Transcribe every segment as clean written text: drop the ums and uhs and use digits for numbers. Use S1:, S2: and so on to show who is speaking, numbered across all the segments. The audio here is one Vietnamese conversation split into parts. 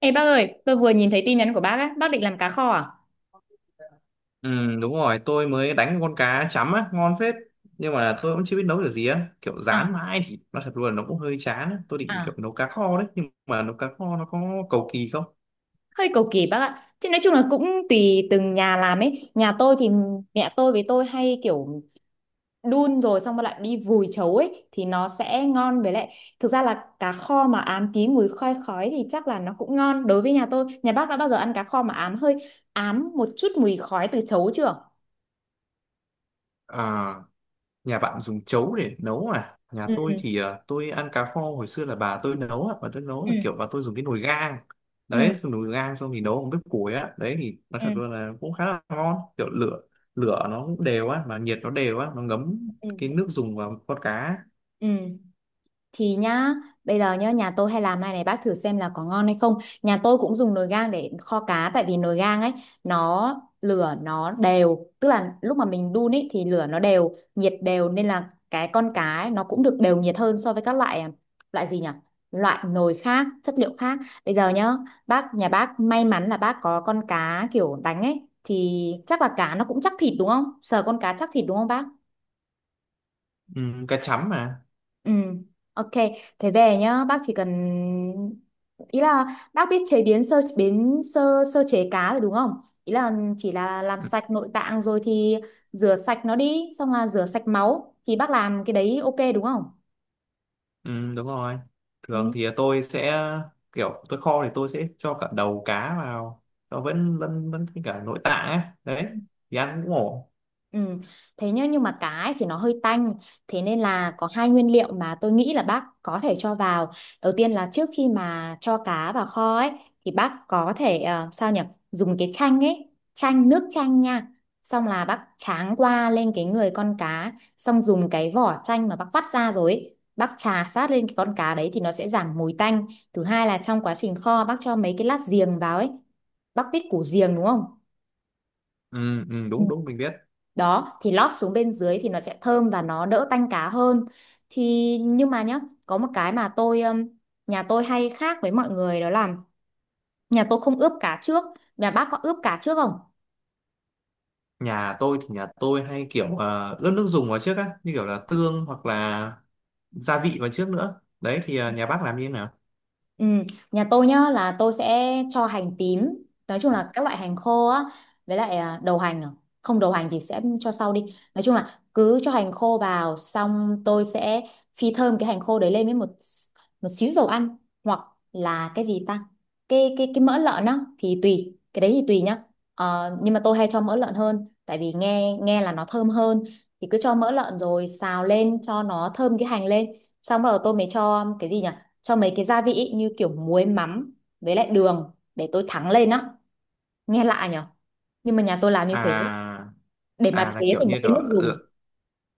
S1: Ê bác ơi, tôi vừa nhìn thấy tin nhắn của bác á, bác định làm cá kho à?
S2: Ừ, đúng rồi, tôi mới đánh con cá chấm á, ngon phết. Nhưng mà tôi cũng chưa biết nấu kiểu gì á. Kiểu
S1: À.
S2: rán mãi thì nó thật luôn, nó cũng hơi chán á. Tôi định
S1: À.
S2: kiểu nấu cá kho đấy, nhưng mà nấu cá kho nó có cầu kỳ không?
S1: Hơi cầu kỳ bác ạ. Thì nói chung là cũng tùy từng nhà làm ấy. Nhà tôi thì mẹ tôi với tôi hay kiểu đun rồi xong rồi lại đi vùi chấu ấy thì nó sẽ ngon, với lại thực ra là cá kho mà ám tí mùi khoai khói thì chắc là nó cũng ngon đối với nhà tôi. Nhà bác đã bao giờ ăn cá kho mà ám một chút mùi khói từ chấu chưa?
S2: À, nhà bạn dùng chấu để nấu à? Nhà tôi
S1: Ừ.
S2: thì à, tôi ăn cá kho hồi xưa là bà tôi nấu á, bà tôi nấu
S1: Ừ.
S2: là kiểu bà tôi dùng cái nồi gang.
S1: Ừ.
S2: Đấy, dùng nồi gang xong thì nấu bằng bếp củi á. Đấy thì nó
S1: Ừ.
S2: thật
S1: Ừ.
S2: luôn là cũng khá là ngon, kiểu lửa lửa nó cũng đều á, mà nhiệt nó đều á, nó ngấm cái
S1: Ừ.
S2: nước dùng vào con cá.
S1: Ừ. Thì nhá, bây giờ nhá, nhà tôi hay làm này này, bác thử xem là có ngon hay không. Nhà tôi cũng dùng nồi gang để kho cá, tại vì nồi gang ấy, nó lửa nó đều, tức là lúc mà mình đun ấy thì lửa nó đều nhiệt đều, nên là cái con cá ấy, nó cũng được đều nhiệt hơn so với các loại, loại gì nhỉ, loại nồi khác chất liệu khác. Bây giờ nhá, nhà bác may mắn là bác có con cá kiểu đánh ấy, thì chắc là cá nó cũng chắc thịt đúng không, sờ con cá chắc thịt đúng không bác?
S2: Ừ, cá chấm mà.
S1: Ừ, ok. Thế về nhá, bác chỉ cần, ý là, bác biết chế biến sơ sơ chế cá rồi đúng không? Ý là chỉ là làm
S2: Ừ,
S1: sạch nội tạng rồi thì rửa sạch nó đi, xong là rửa sạch máu, thì bác làm cái đấy ok đúng không?
S2: ừ, đúng rồi.
S1: Ừ.
S2: Thường thì tôi sẽ kiểu tôi kho thì tôi sẽ cho cả đầu cá vào nó vẫn vẫn vẫn với cả nội tạng ấy. Đấy thì ăn cũng ổn.
S1: Ừ. Thế nhá, nhưng mà cá ấy thì nó hơi tanh. Thế nên là có hai nguyên liệu mà tôi nghĩ là bác có thể cho vào. Đầu tiên là trước khi mà cho cá vào kho ấy, thì bác có thể, sao nhỉ, dùng cái chanh ấy. Chanh, nước chanh nha. Xong là bác tráng qua lên cái người con cá. Xong dùng cái vỏ chanh mà bác vắt ra rồi ấy, bác chà sát lên cái con cá đấy thì nó sẽ giảm mùi tanh. Thứ hai là trong quá trình kho, bác cho mấy cái lát giềng vào ấy. Bác biết củ giềng đúng không?
S2: Ừ, ừ, đúng đúng mình biết.
S1: Đó thì lót xuống bên dưới thì nó sẽ thơm và nó đỡ tanh cá hơn. Thì nhưng mà nhá, có một cái mà tôi nhà tôi hay khác với mọi người, đó là nhà tôi không ướp cá trước. Nhà bác có ướp cá trước không?
S2: Nhà tôi hay kiểu ướp nước dùng vào trước á, như kiểu là tương hoặc là gia vị vào trước nữa. Đấy thì nhà bác làm như thế nào?
S1: Ừ, nhà tôi nhá, là tôi sẽ cho hành tím, nói chung là các loại hành khô á, với lại đầu hành à. Không đầu hành thì sẽ cho sau đi, nói chung là cứ cho hành khô vào, xong tôi sẽ phi thơm cái hành khô đấy lên với một một xíu dầu ăn, hoặc là cái gì ta, cái mỡ lợn á, thì tùy, cái đấy thì tùy nhá. Ờ, nhưng mà tôi hay cho mỡ lợn hơn, tại vì nghe nghe là nó thơm hơn. Thì cứ cho mỡ lợn rồi xào lên cho nó thơm cái hành lên, xong rồi tôi mới cho cái gì nhỉ, cho mấy cái gia vị ý, như kiểu muối mắm, với lại đường để tôi thắng lên á. Nghe lạ nhở, nhưng mà nhà tôi làm như thế,
S2: À
S1: để mà
S2: à là
S1: chế
S2: kiểu
S1: thành một
S2: như
S1: cái nước dùng.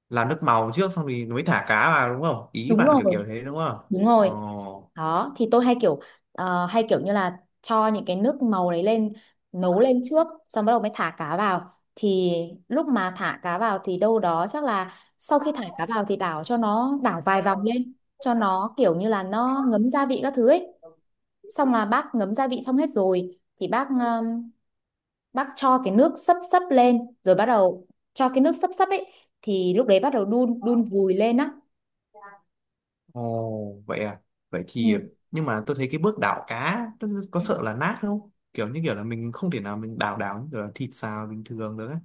S2: làm nước màu trước xong thì mới thả cá vào đúng không? Ý
S1: Đúng
S2: bạn
S1: rồi.
S2: kiểu kiểu thế đúng không?
S1: Đúng rồi.
S2: Ồ.
S1: Đó thì tôi hay kiểu, hay kiểu như là cho những cái nước màu đấy lên, nấu lên trước, xong bắt đầu mới thả cá vào. Thì lúc mà thả cá vào thì đâu đó, chắc là sau khi thả cá vào thì đảo cho nó, đảo vài vòng lên, cho nó kiểu như là nó ngấm gia vị các thứ ấy. Xong là bác ngấm gia vị xong hết rồi, thì bác cho cái nước sấp sấp lên, rồi bắt đầu, cho cái nước sấp sấp ấy, thì lúc đấy bắt đầu đun, đun vùi lên á.
S2: Ồ, vậy à. Vậy
S1: Ừ.
S2: thì nhưng mà tôi thấy cái bước đảo cá nó có sợ là nát không? Kiểu như kiểu là mình không thể nào mình đảo đảo như kiểu là thịt xào bình thường được ấy.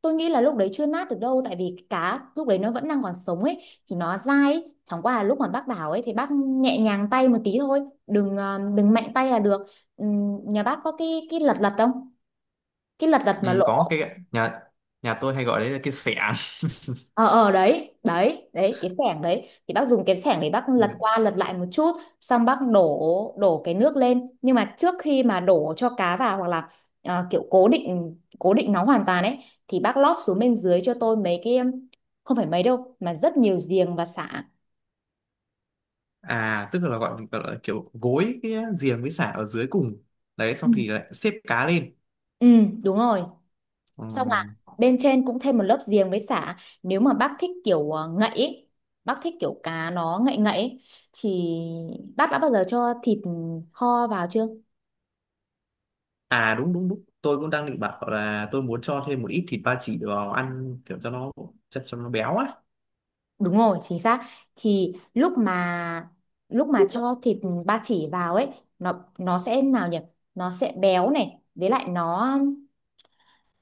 S1: Tôi nghĩ là lúc đấy chưa nát được đâu, tại vì cái cá lúc đấy nó vẫn đang còn sống ấy, thì nó dai ấy. Chẳng qua là lúc mà bác đảo ấy, thì bác nhẹ nhàng tay một tí thôi, đừng mạnh tay là được. Nhà bác có cái lật lật không, cái lật lật
S2: Ừ,
S1: mà
S2: có
S1: lỗ?
S2: cái nhà nhà tôi hay gọi đấy là cái xẻng.
S1: Ờ ờ đấy đấy đấy, cái xẻng đấy, thì bác dùng cái xẻng để bác lật qua lật lại một chút, xong bác đổ đổ cái nước lên. Nhưng mà trước khi mà đổ cho cá vào, hoặc là kiểu cố định nó hoàn toàn ấy, thì bác lót xuống bên dưới cho tôi mấy cái, không phải mấy đâu mà rất nhiều giềng và sả.
S2: À, tức là gọi là kiểu gối cái giềng với sả ở dưới cùng. Đấy
S1: Ừ.
S2: xong thì lại xếp cá lên.
S1: Ừ, đúng rồi.
S2: Ừ.
S1: Xong là bên trên cũng thêm một lớp giềng với sả. Nếu mà bác thích kiểu, ngậy ấy, bác thích kiểu cá nó ngậy ngậy ấy, thì bác đã bao giờ cho thịt kho vào chưa?
S2: À đúng đúng đúng. Tôi cũng đang định bảo là tôi muốn cho thêm một ít thịt ba chỉ vào ăn kiểu cho nó cho nó béo á.
S1: Đúng rồi, chính xác. Thì lúc mà cho thịt ba chỉ vào ấy, nó sẽ nào nhỉ? Nó sẽ béo này, với lại nó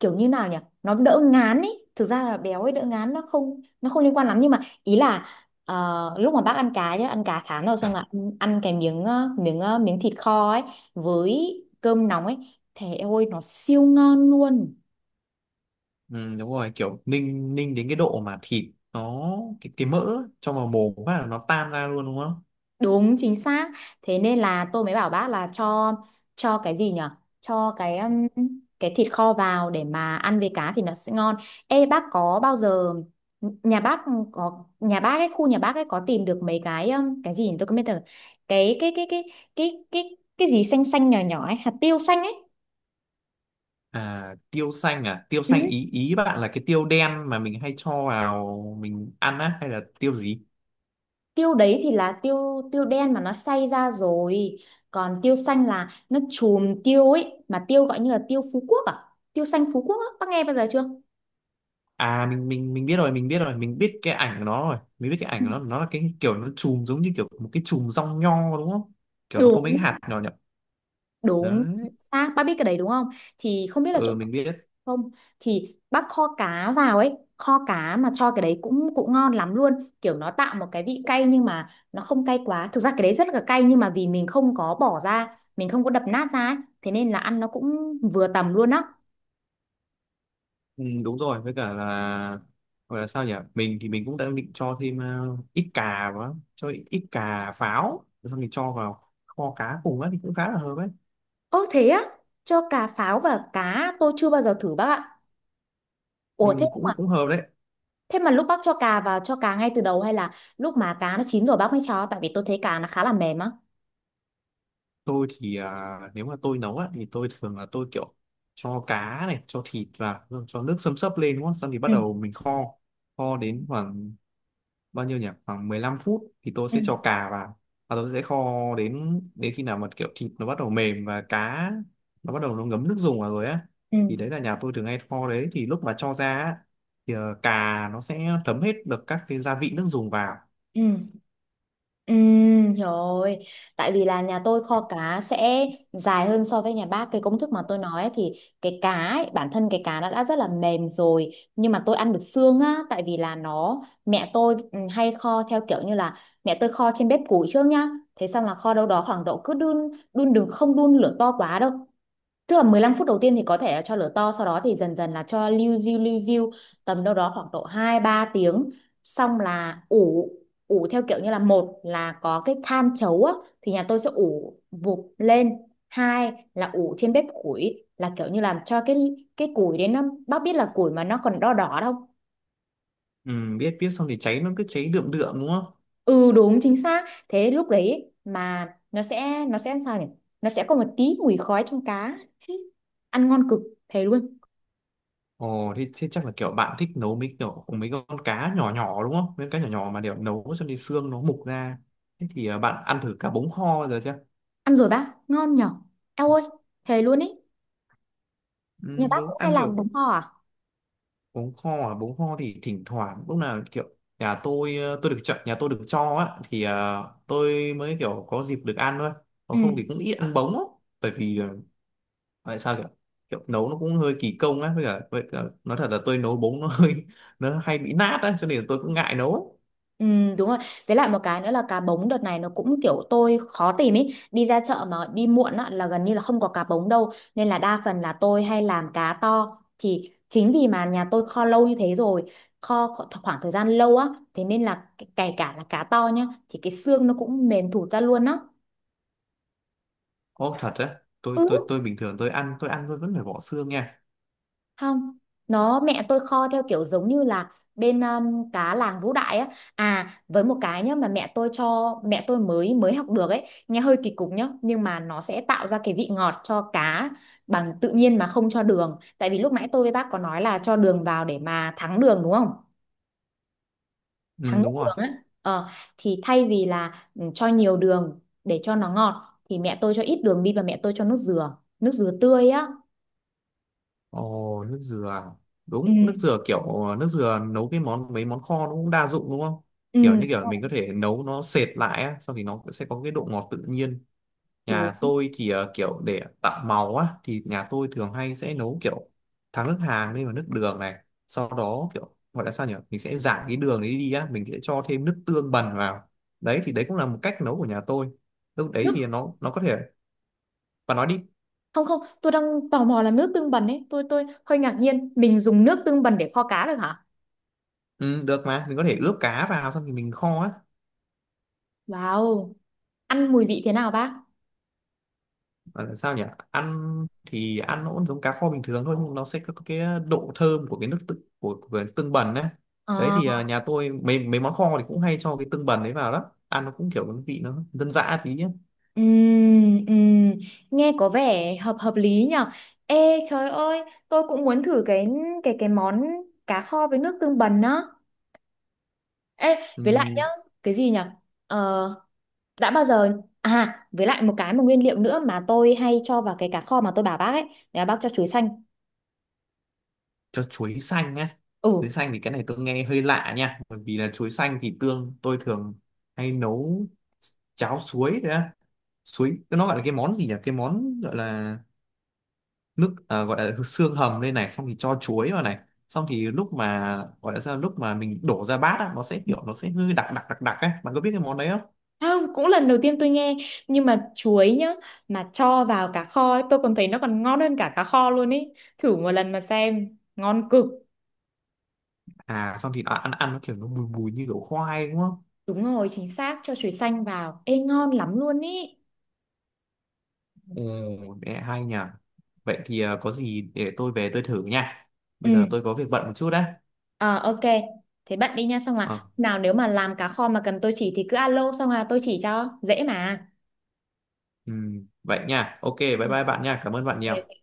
S1: kiểu như nào nhỉ? Nó đỡ ngán ý. Thực ra là béo ấy đỡ ngán, nó không liên quan lắm, nhưng mà ý là, lúc mà bác ăn cá nhá, ăn cá chán rồi xong là ăn cái miếng thịt kho ấy với cơm nóng ấy, thế ôi nó siêu ngon luôn.
S2: Ừ, đúng rồi kiểu ninh ninh đến cái độ mà thịt nó cái mỡ trong vào mồm phát là nó tan ra luôn đúng không?
S1: Đúng chính xác. Thế nên là tôi mới bảo bác là cho cái gì nhở? Cho cái, cái thịt kho vào để mà ăn với cá thì nó sẽ ngon. Ê bác, có bao giờ nhà bác có nhà bác ấy khu nhà bác ấy có tìm được mấy cái, cái gì nhỉ? Tôi không biết được. Cái cái cái cái cái gì xanh xanh nhỏ nhỏ ấy, hạt tiêu xanh ấy.
S2: À tiêu xanh, à tiêu xanh ý ý bạn là cái tiêu đen mà mình hay cho vào mình ăn á hay là tiêu gì?
S1: Tiêu đấy thì là tiêu tiêu đen mà nó xay ra rồi, còn tiêu xanh là nó chùm tiêu ấy, mà tiêu gọi như là tiêu Phú Quốc à, tiêu xanh Phú Quốc á, bác nghe bao giờ chưa?
S2: À mình biết rồi, mình biết cái ảnh của nó rồi, mình biết cái ảnh
S1: Ừ.
S2: của nó là cái kiểu nó chùm giống như kiểu một cái chùm rong nho đúng không, kiểu nó có mấy cái
S1: Đúng
S2: hạt nhỏ nhỏ
S1: đúng chính
S2: đấy,
S1: xác, bác biết cái đấy đúng không? Thì không biết là chỗ.
S2: ừ mình biết.
S1: Không thì bác kho cá vào ấy, kho cá mà cho cái đấy cũng cũng ngon lắm luôn. Kiểu nó tạo một cái vị cay, nhưng mà nó không cay quá. Thực ra cái đấy rất là cay, nhưng mà vì mình không có bỏ ra, mình không có đập nát ra ấy, thế nên là ăn nó cũng vừa tầm luôn á.
S2: Ừ, đúng rồi với cả là gọi là sao nhỉ, mình thì mình cũng đang định cho thêm ít cà vào, cho ít ít cà pháo rồi xong thì cho vào kho cá cùng á thì cũng khá là hợp ấy.
S1: Ơ thế á, cho cà pháo và cá tôi chưa bao giờ thử bác ạ.
S2: Ừ,
S1: Ủa thế
S2: cũng
S1: mà
S2: cũng hợp đấy.
S1: thế mà lúc bác cho cà vào cho cá ngay từ đầu, hay là lúc mà cá nó chín rồi bác mới cho? Tại vì tôi thấy cá nó khá là mềm á.
S2: Tôi thì à, nếu mà tôi nấu á thì tôi thường là tôi kiểu cho cá này cho thịt vào rồi cho nước xâm xấp lên đúng không, xong thì
S1: Ừ,
S2: bắt đầu mình kho, kho đến khoảng bao nhiêu nhỉ, khoảng 15 phút thì tôi
S1: ừ,
S2: sẽ cho cà vào, và tôi sẽ kho đến đến khi nào mà kiểu thịt nó bắt đầu mềm và cá nó bắt đầu nó ngấm nước dùng vào rồi á.
S1: ừ.
S2: Thì đấy là nhà tôi thường hay kho đấy, thì lúc mà cho ra á, thì cà nó sẽ thấm hết được các cái gia vị nước dùng vào.
S1: Ừ. Ừ, rồi. Tại vì là nhà tôi kho cá sẽ dài hơn so với nhà bác. Cái công thức mà tôi nói ấy, thì cái cá ấy, bản thân cái cá nó đã rất là mềm rồi. Nhưng mà tôi ăn được xương á. Tại vì là nó, mẹ tôi hay kho theo kiểu như là, mẹ tôi kho trên bếp củi trước nhá. Thế xong là kho đâu đó khoảng độ, cứ đun, đun đừng không đun lửa to quá đâu. Tức là 15 phút đầu tiên thì có thể là cho lửa to, sau đó thì dần dần là cho liu riu liu riu, tầm đâu đó khoảng độ 2 3 tiếng. Xong là ủ ủ theo kiểu như là, một là có cái than chấu á thì nhà tôi sẽ ủ vụp lên. Hai là ủ trên bếp củi, là kiểu như làm cho cái củi đến nó, bác biết là củi mà nó còn đỏ đỏ đâu.
S2: Ừ, biết biết, xong thì cháy nó cứ cháy đượm đượm đúng không?
S1: Ừ đúng chính xác. Thế lúc đấy mà nó sẽ sao nhỉ? Nó sẽ có một tí mùi khói trong cá. Ăn ngon cực, thề luôn.
S2: Ồ thì, thế chắc là kiểu bạn thích nấu mấy kiểu mấy con cá nhỏ nhỏ đúng không? Mấy con cá nhỏ nhỏ mà để nấu cho nên xương nó mục ra. Thế thì bạn ăn thử cá bống kho giờ chưa?
S1: Ăn rồi bác, ngon nhở. Eo ơi, thề luôn ý. Nhà
S2: Ừ,
S1: bác
S2: đúng
S1: cũng hay
S2: ăn
S1: làm bánh
S2: kiểu
S1: kho à?
S2: bún kho à, bún kho thì thỉnh thoảng lúc nào kiểu nhà tôi tôi được chọn, nhà tôi được cho á, thì tôi mới kiểu có dịp được ăn thôi, còn không
S1: Ừ.
S2: thì cũng ít ăn bống á, bởi vì tại sao kiểu kiểu nấu nó cũng hơi kỳ công á, với cả, nói thật là tôi nấu bống nó hơi nó hay bị nát á cho nên là tôi cũng ngại nấu.
S1: Ừ, đúng rồi. Với lại một cái nữa là cá bống đợt này nó cũng kiểu tôi khó tìm ý. Đi ra chợ mà đi muộn á, là gần như là không có cá bống đâu. Nên là đa phần là tôi hay làm cá to. Thì chính vì mà nhà tôi kho lâu như thế rồi, kho kho- khoảng thời gian lâu á. Thế nên là kể cả là cá to nhá, thì cái xương nó cũng mềm thụt ra luôn á.
S2: Ô thật á? tôi tôi
S1: Ừ.
S2: tôi bình thường tôi ăn tôi vẫn phải bỏ xương nha.
S1: Không, nó mẹ tôi kho theo kiểu giống như là bên, cá làng Vũ Đại á. À, với một cái nhá, mà mẹ tôi mới mới học được ấy, nghe hơi kỳ cục nhá, nhưng mà nó sẽ tạo ra cái vị ngọt cho cá bằng tự nhiên mà không cho đường, tại vì lúc nãy tôi với bác có nói là cho đường vào để mà thắng đường đúng không, thắng
S2: Ừ,
S1: nước
S2: đúng rồi.
S1: đường á. Ờ, thì thay vì là cho nhiều đường để cho nó ngọt, thì mẹ tôi cho ít đường đi, và mẹ tôi cho nước dừa tươi á.
S2: Ồ, nước dừa. À?
S1: Ừ.
S2: Đúng, nước dừa kiểu nước dừa nấu cái món mấy món kho nó cũng đa dụng đúng không?
S1: Ừ,
S2: Kiểu như kiểu mình
S1: đúng
S2: có thể nấu nó sệt lại á, xong thì nó sẽ có cái độ ngọt tự nhiên. Nhà
S1: đúng.
S2: tôi thì kiểu để tạo màu á thì nhà tôi thường hay sẽ nấu kiểu thắng nước hàng lên vào nước đường này, sau đó kiểu gọi là sao nhỉ? Mình sẽ rải cái đường đấy đi á, mình sẽ cho thêm nước tương bần vào. Đấy thì đấy cũng là một cách nấu của nhà tôi. Lúc đấy
S1: nước
S2: thì nó có thể và nói đi.
S1: không không, tôi đang tò mò là nước tương bần ấy, tôi hơi ngạc nhiên, mình dùng nước tương bần để kho cá được hả?
S2: Ừ, được mà, mình có thể ướp cá vào xong thì mình kho á.
S1: Wow, ăn mùi vị thế nào bác?
S2: Gọi là sao nhỉ, ăn thì ăn nó cũng giống cá kho bình thường thôi, nhưng nó sẽ có cái độ thơm của cái nước của tương bần đấy. Đấy
S1: Ờ,
S2: thì à, nhà tôi mấy mấy món kho thì cũng hay cho cái tương bần đấy vào, đó ăn nó cũng kiểu cái vị nó dân dã tí ấy.
S1: ừm, ừm, nghe có vẻ hợp hợp lý nhở. Ê trời ơi, tôi cũng muốn thử cái, cái món cá kho với nước tương bần á. Ê, với lại
S2: Ừm,
S1: nhá, cái gì nhở, ờ, đã bao giờ à với lại một nguyên liệu nữa mà tôi hay cho vào cái cá kho mà tôi bảo bác ấy, là bác cho chuối xanh.
S2: cho chuối xanh á?
S1: Ừ.
S2: Chuối xanh thì cái này tôi nghe hơi lạ nha, bởi vì là chuối xanh thì tương tôi thường hay nấu cháo suối đấy á. Suối nó gọi là cái món gì nhỉ, cái món gọi là nước à, gọi là xương hầm lên này xong thì cho chuối vào này, xong thì lúc mà gọi là sao, lúc mà mình đổ ra bát á, nó sẽ kiểu nó sẽ hơi đặc đặc đặc đặc ấy, bạn có biết cái món đấy không?
S1: Không, cũng lần đầu tiên tôi nghe, nhưng mà chuối nhá, mà cho vào cá kho ấy, tôi còn thấy nó còn ngon hơn cả cá kho luôn ấy, thử một lần mà xem, ngon cực.
S2: À xong thì nó ăn, ăn nó kiểu nó bùi bùi như kiểu khoai đúng không?
S1: Đúng rồi, chính xác, cho chuối xanh vào, ê ngon lắm luôn ý.
S2: Ồ, mẹ hay nhỉ. Vậy thì à, có gì để tôi về tôi thử nha, bây
S1: Ừ.
S2: giờ tôi có việc bận một chút đấy.
S1: Ờ, ok, thế bạn đi nha, xong
S2: Ờ,
S1: là nào, nếu mà làm cá kho mà cần tôi chỉ thì cứ alo, xong là tôi chỉ cho dễ mà.
S2: vậy nha, ok, bye bye bạn nha, cảm ơn bạn nhiều.
S1: Ừ.